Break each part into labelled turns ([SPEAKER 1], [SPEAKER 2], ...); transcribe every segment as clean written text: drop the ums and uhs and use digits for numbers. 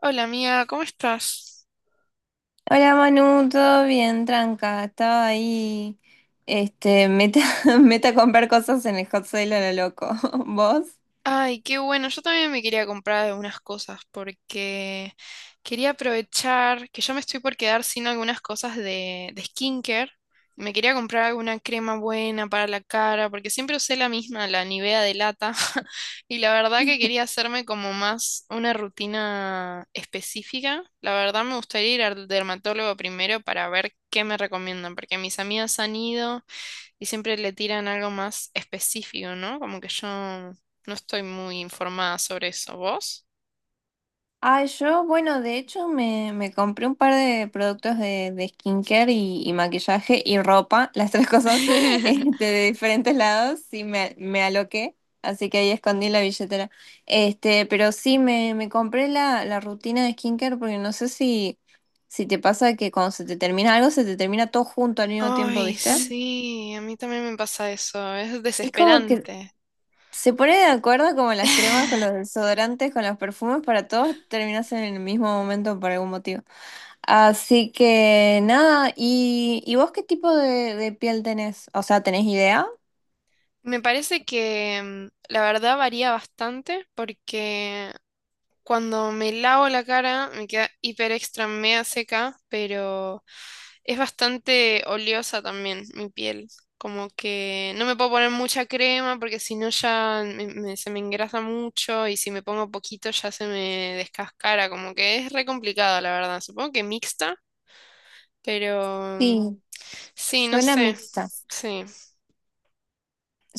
[SPEAKER 1] Hola amiga, ¿cómo estás?
[SPEAKER 2] Hola Manu, todo bien, tranca. Estaba ahí, meta, meta a comprar cosas en el Hot Sale a lo loco. ¿Vos?
[SPEAKER 1] Ay, qué bueno, yo también me quería comprar algunas cosas porque quería aprovechar que yo me estoy por quedar sin algunas cosas de skincare. Me quería comprar alguna crema buena para la cara porque siempre usé la misma, la Nivea de lata. Y la verdad que quería hacerme como más una rutina específica. La verdad me gustaría ir al dermatólogo primero para ver qué me recomiendan porque mis amigas han ido. Y siempre le tiran algo más específico, ¿no? Como que yo no estoy muy informada sobre eso. ¿Vos?
[SPEAKER 2] Ah, yo, bueno, de hecho me compré un par de productos de skincare y maquillaje y ropa, las tres cosas, de diferentes lados, sí me aloqué, así que ahí escondí la billetera. Pero sí me compré la rutina de skincare porque no sé si, si te pasa que cuando se te termina algo, se te termina todo junto al mismo tiempo,
[SPEAKER 1] Ay,
[SPEAKER 2] ¿viste?
[SPEAKER 1] sí, a mí también me pasa eso. Es
[SPEAKER 2] Es como que
[SPEAKER 1] desesperante.
[SPEAKER 2] se pone de acuerdo como las cremas con los desodorantes, con los perfumes, para todos terminas en el mismo momento por algún motivo. Así que nada, y vos qué tipo de piel tenés? O sea, ¿tenés idea?
[SPEAKER 1] Me parece que la verdad varía bastante porque cuando me lavo la cara me queda hiper extra mega seca, pero es bastante oleosa también mi piel. Como que no me puedo poner mucha crema porque si no ya se me engrasa mucho y si me pongo poquito ya se me descascara. Como que es re complicado, la verdad. Supongo que mixta, pero
[SPEAKER 2] Sí,
[SPEAKER 1] sí, no
[SPEAKER 2] suena
[SPEAKER 1] sé.
[SPEAKER 2] mixta.
[SPEAKER 1] Sí.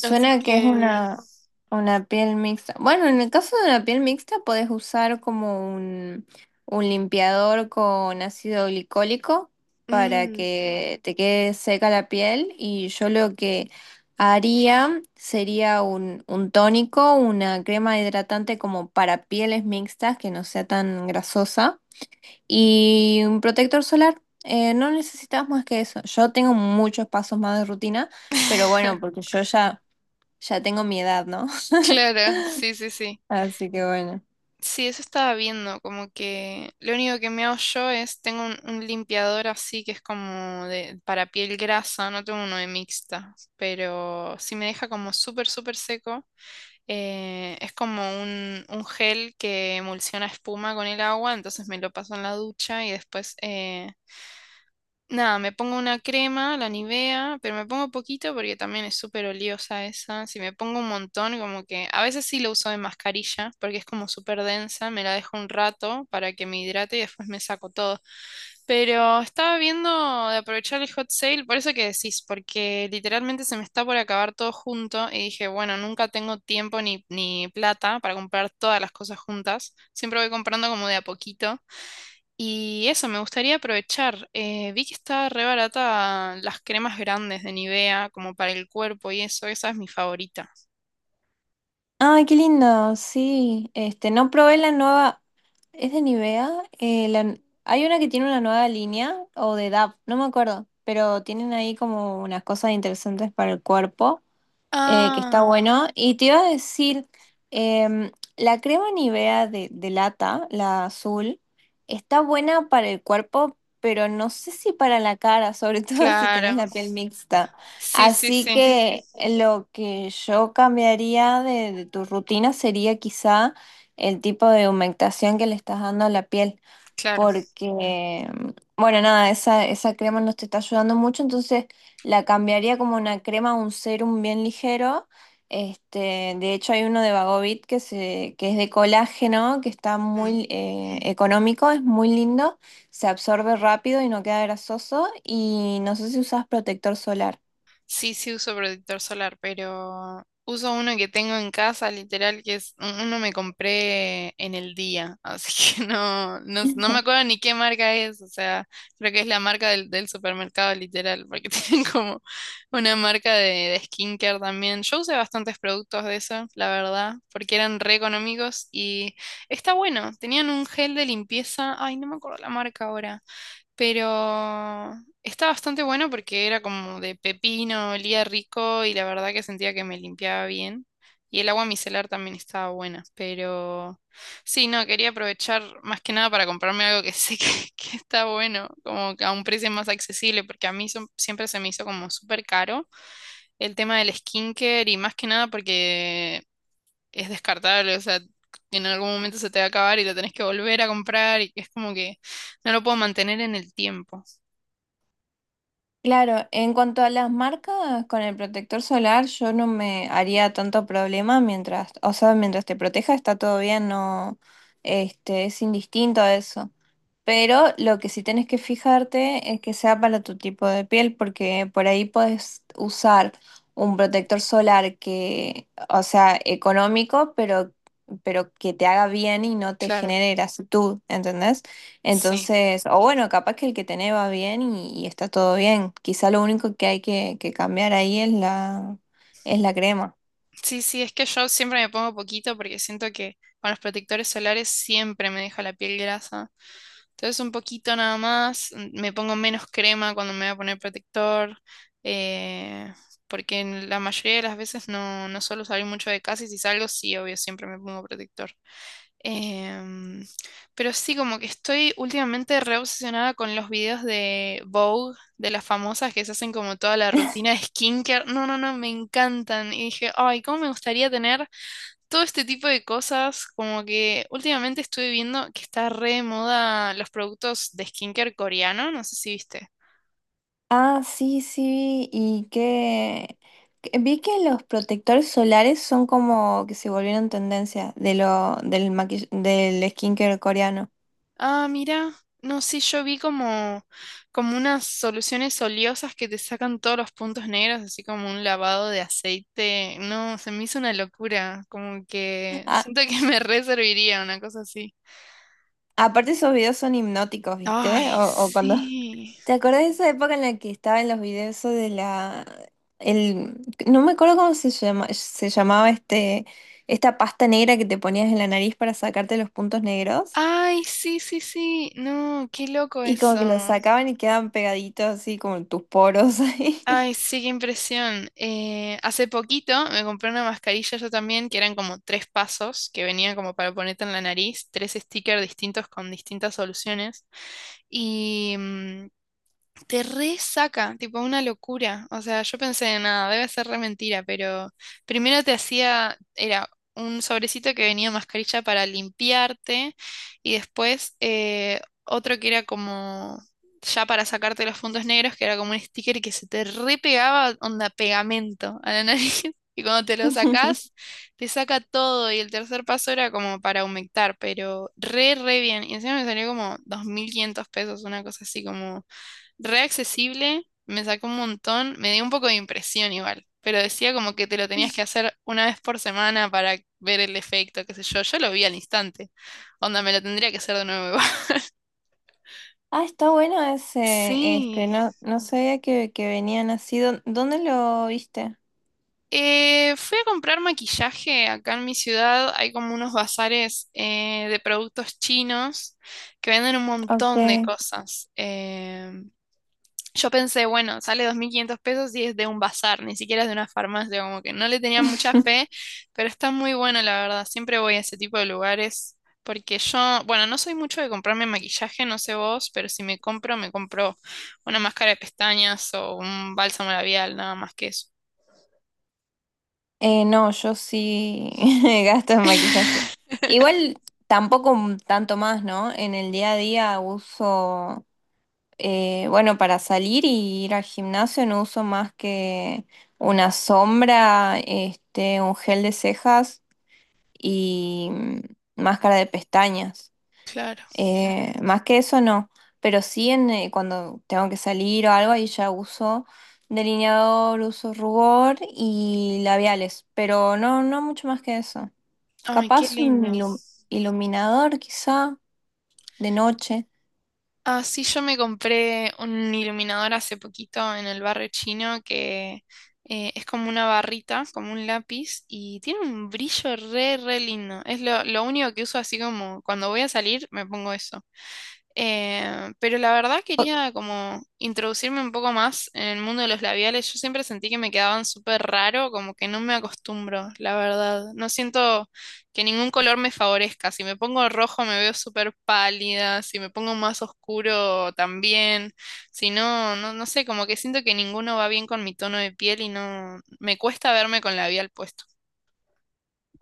[SPEAKER 1] Así
[SPEAKER 2] que es
[SPEAKER 1] que.
[SPEAKER 2] una piel mixta. Bueno, en el caso de una piel mixta podés usar como un limpiador con ácido glicólico para
[SPEAKER 1] Mm.
[SPEAKER 2] que te quede seca la piel y yo lo que haría sería un tónico, una crema hidratante como para pieles mixtas que no sea tan grasosa. Y un protector solar, no necesitas más que eso. Yo tengo muchos pasos más de rutina, pero bueno, porque yo ya, ya tengo mi edad, ¿no?
[SPEAKER 1] Claro, sí, sí, sí.
[SPEAKER 2] Así que bueno.
[SPEAKER 1] Sí, eso estaba viendo, como que lo único que me hago yo es, tengo un limpiador así que es como de, para piel grasa, no tengo uno de mixta, pero si me deja como súper, súper seco, es como un gel que emulsiona espuma con el agua, entonces me lo paso en la ducha y después, nada, me pongo una crema, la Nivea, pero me pongo poquito porque también es súper oliosa esa. Si me pongo un montón, como que a veces sí lo uso de mascarilla porque es como súper densa, me la dejo un rato para que me hidrate y después me saco todo. Pero estaba viendo de aprovechar el hot sale, por eso que decís, porque literalmente se me está por acabar todo junto y dije, bueno, nunca tengo tiempo ni plata para comprar todas las cosas juntas. Siempre voy comprando como de a poquito. Y eso, me gustaría aprovechar. Vi que está re barata las cremas grandes de Nivea, como para el cuerpo y eso, esa es mi favorita.
[SPEAKER 2] Ay, qué lindo, sí. No probé la nueva, es de Nivea. Eh, la- Hay una que tiene una nueva línea, o de DAP, no me acuerdo, pero tienen ahí como unas cosas interesantes para el cuerpo. Que está
[SPEAKER 1] Ah,
[SPEAKER 2] bueno. Y te iba a decir, em, la crema Nivea de lata, la azul, está buena para el cuerpo, pero no sé si para la cara, sobre todo si tenés
[SPEAKER 1] claro.
[SPEAKER 2] la piel mixta.
[SPEAKER 1] Sí, sí,
[SPEAKER 2] Así
[SPEAKER 1] sí,
[SPEAKER 2] que lo que yo cambiaría de tu rutina sería quizá el tipo de humectación que le estás dando a la piel
[SPEAKER 1] claro.
[SPEAKER 2] porque, bueno, nada, esa crema no te está ayudando mucho, entonces la cambiaría como una crema, un serum bien ligero. De hecho hay uno de Bagovit que es de colágeno, que está muy económico, es muy lindo, se absorbe rápido y no queda grasoso y no sé si usas protector solar.
[SPEAKER 1] Sí, sí uso protector solar, pero uso uno que tengo en casa, literal, que es uno me compré en el día, así que no, no, no me acuerdo ni qué marca es, o sea, creo que es la marca del supermercado, literal, porque tienen como una marca de skincare también. Yo usé bastantes productos de eso, la verdad, porque eran re económicos y está bueno, tenían un gel de limpieza, ay, no me acuerdo la marca ahora, pero está bastante bueno porque era como de pepino, olía rico y la verdad que sentía que me limpiaba bien. Y el agua micelar también estaba buena, pero sí, no, quería aprovechar más que nada para comprarme algo que sé que, que está bueno, como que a un precio más accesible, porque a mí siempre se me hizo como súper caro el tema del skincare y más que nada porque es descartable, o sea, en algún momento se te va a acabar y lo tenés que volver a comprar y es como que no lo puedo mantener en el tiempo.
[SPEAKER 2] Claro, en cuanto a las marcas, con el protector solar yo no me haría tanto problema mientras, o sea, mientras te proteja está todo bien, no, es indistinto a eso. Pero lo que sí tenés que fijarte es que sea para tu tipo de piel, porque por ahí puedes usar un protector solar que, o sea, económico, pero que te haga bien y no te
[SPEAKER 1] Claro,
[SPEAKER 2] genere grasitud, ¿entendés?
[SPEAKER 1] sí.
[SPEAKER 2] Entonces, o bueno, capaz que el que tenés va bien y está todo bien. Quizá lo único que hay que cambiar ahí es es la crema.
[SPEAKER 1] Sí, sí, es que yo siempre me pongo poquito porque siento que con los protectores solares siempre me deja la piel grasa. Entonces un poquito nada más, me pongo menos crema cuando me voy a poner protector, eh, porque en la mayoría de las veces no, no suelo salir mucho de casa y si salgo, sí, obvio, siempre me pongo protector. Em, pero sí, como que estoy últimamente re obsesionada con los videos de Vogue, de las famosas que se hacen como toda la rutina de skincare. No, no, no, me encantan. Y dije, ay, cómo me gustaría tener todo este tipo de cosas. Como que últimamente estuve viendo que está re de moda los productos de skincare coreano, no sé si viste.
[SPEAKER 2] Ah, sí, sí, y que vi que los protectores solares son como que se volvieron tendencia de lo del del skincare coreano.
[SPEAKER 1] Ah, mira, no, sí, yo vi como, unas soluciones oleosas que te sacan todos los puntos negros, así como un lavado de aceite. No, se me hizo una locura, como que
[SPEAKER 2] Ah,
[SPEAKER 1] siento que me re serviría una cosa así.
[SPEAKER 2] aparte esos videos son hipnóticos, ¿viste?
[SPEAKER 1] Ay,
[SPEAKER 2] O cuando
[SPEAKER 1] sí.
[SPEAKER 2] ¿Te acordás de esa época en la que estaba en los videos eso de la el no me acuerdo cómo se llama, se llamaba esta pasta negra que te ponías en la nariz para sacarte los puntos negros?
[SPEAKER 1] Ay, sí, sí, sí. No, qué loco
[SPEAKER 2] Y como
[SPEAKER 1] eso.
[SPEAKER 2] que los sacaban y quedaban pegaditos así como en tus poros ahí.
[SPEAKER 1] Ay, sí, qué impresión. Hace poquito me compré una mascarilla yo también, que eran como tres pasos, que venían como para ponerte en la nariz, tres stickers distintos con distintas soluciones. Y te resaca, tipo una locura. O sea, yo pensé, nada, debe ser re mentira, pero primero te hacía, era un sobrecito que venía mascarilla para limpiarte y después, otro que era como ya para sacarte los puntos negros, que era como un sticker que se te repegaba, onda pegamento a la nariz. Y cuando te lo sacás, te saca todo. Y el tercer paso era como para humectar, pero re, re bien. Y encima me salió como 2.500 pesos, una cosa así como re accesible, me sacó un montón, me dio un poco de impresión igual, pero decía como que te lo tenías que hacer una vez por semana para ver el efecto, qué sé yo, yo lo vi al instante, onda, me lo tendría que hacer de nuevo, igual.
[SPEAKER 2] Ah, está bueno ese
[SPEAKER 1] Sí.
[SPEAKER 2] estreno. No sabía que venían así. ¿Dónde lo viste?
[SPEAKER 1] Fui a comprar maquillaje acá en mi ciudad, hay como unos bazares, de productos chinos que venden un montón de
[SPEAKER 2] Ok.
[SPEAKER 1] cosas. Yo pensé, bueno, sale 2.500 pesos y es de un bazar, ni siquiera es de una farmacia, como que no le tenía mucha fe, pero está muy bueno, la verdad. Siempre voy a ese tipo de lugares porque yo, bueno, no soy mucho de comprarme maquillaje, no sé vos, pero si me compro, me compro una máscara de pestañas o un bálsamo labial, nada más que eso.
[SPEAKER 2] No, yo sí gasto en maquillaje. Igual tampoco un tanto más, ¿no? En el día a día uso, bueno, para salir y ir al gimnasio no uso más que una sombra, un gel de cejas y máscara de pestañas.
[SPEAKER 1] Claro.
[SPEAKER 2] Más que eso no, pero sí en, cuando tengo que salir o algo, ahí ya uso delineador, uso rubor y labiales, pero no, no mucho más que eso.
[SPEAKER 1] Ay, qué
[SPEAKER 2] Capaz un
[SPEAKER 1] lindo.
[SPEAKER 2] iluminador quizá de noche.
[SPEAKER 1] Ah, sí, yo me compré un iluminador hace poquito en el barrio chino que, es como una barrita, como un lápiz, y tiene un brillo re, re lindo. Es lo único que uso así como cuando voy a salir me pongo eso. Pero la verdad quería como introducirme un poco más en el mundo de los labiales. Yo siempre sentí que me quedaban súper raro, como que no me acostumbro, la verdad. No siento que ningún color me favorezca. Si me pongo rojo me veo súper pálida, si me pongo más oscuro también. Si no, no, no sé, como que siento que ninguno va bien con mi tono de piel y no me cuesta verme con labial puesto.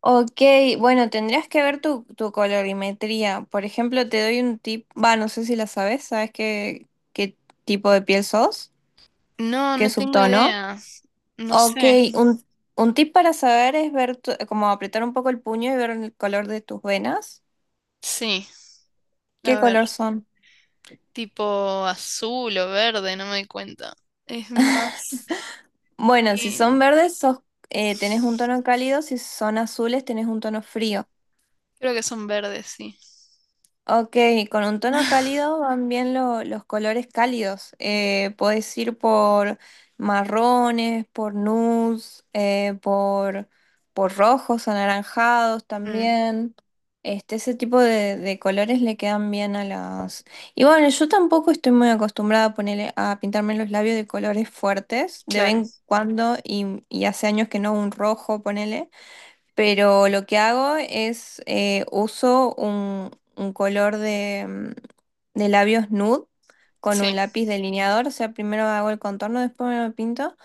[SPEAKER 2] Ok, bueno, tendrías que ver tu colorimetría. Por ejemplo, te doy un tip, va, no sé si la sabes, ¿sabes qué, qué tipo de piel sos?
[SPEAKER 1] No,
[SPEAKER 2] ¿Qué
[SPEAKER 1] no tengo
[SPEAKER 2] subtono?
[SPEAKER 1] idea. No
[SPEAKER 2] Ok,
[SPEAKER 1] sé.
[SPEAKER 2] un, un tip para saber es ver, como apretar un poco el puño y ver el color de tus venas.
[SPEAKER 1] Sí,
[SPEAKER 2] ¿Qué
[SPEAKER 1] a ver.
[SPEAKER 2] color son?
[SPEAKER 1] Tipo azul o verde, no me doy cuenta. Es más,
[SPEAKER 2] Bueno, si
[SPEAKER 1] eh,
[SPEAKER 2] son verdes, tenés un tono cálido, si son azules, tenés un tono frío.
[SPEAKER 1] creo que son verdes, sí.
[SPEAKER 2] Ok, con un tono cálido van bien los colores cálidos. Podés ir por marrones, por nudes, por rojos, anaranjados
[SPEAKER 1] Mm,
[SPEAKER 2] también. Ese tipo de colores le quedan bien a las... Y bueno, yo tampoco estoy muy acostumbrada a ponerle, a pintarme los labios de colores fuertes, de vez
[SPEAKER 1] claro,
[SPEAKER 2] en cuando, y hace años que no un rojo, ponele. Pero lo que hago es uso un color de, de labios nude con un
[SPEAKER 1] sí.
[SPEAKER 2] lápiz delineador. O sea, primero hago el contorno, después me lo pinto.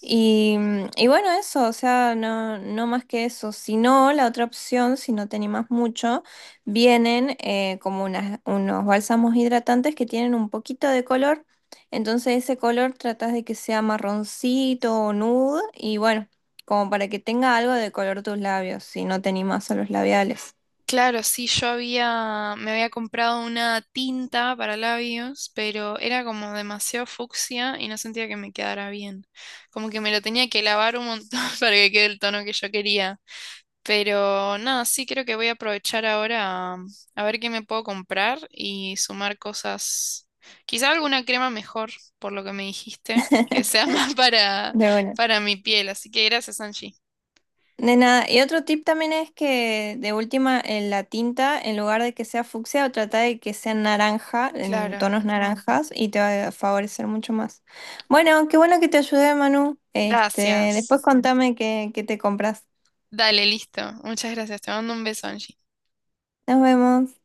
[SPEAKER 2] Y, y bueno, eso, o sea, no, no más que eso. Si no, la otra opción, si no te animas mucho, vienen como unos bálsamos hidratantes que tienen un poquito de color. Entonces ese color tratas de que sea marroncito o nude y bueno como para que tenga algo de color tus labios, si no te animas a los labiales.
[SPEAKER 1] Claro, sí, yo había, me había comprado una tinta para labios, pero era como demasiado fucsia y no sentía que me quedara bien. Como que me lo tenía que lavar un montón para que quede el tono que yo quería. Pero nada, sí creo que voy a aprovechar ahora a ver qué me puedo comprar y sumar cosas. Quizá alguna crema mejor, por lo que me dijiste, que sea más para,
[SPEAKER 2] De bueno.
[SPEAKER 1] mi piel. Así que gracias, Angie.
[SPEAKER 2] De nada. Y otro tip también es que de última en la tinta, en lugar de que sea fucsia, trata de que sea naranja, en
[SPEAKER 1] Claro.
[SPEAKER 2] tonos naranjas, y te va a favorecer mucho más. Bueno, qué bueno que te ayudé, Manu. Después
[SPEAKER 1] Gracias.
[SPEAKER 2] contame qué, qué te compras.
[SPEAKER 1] Dale, listo. Muchas gracias. Te mando un beso, Angie.
[SPEAKER 2] Nos vemos.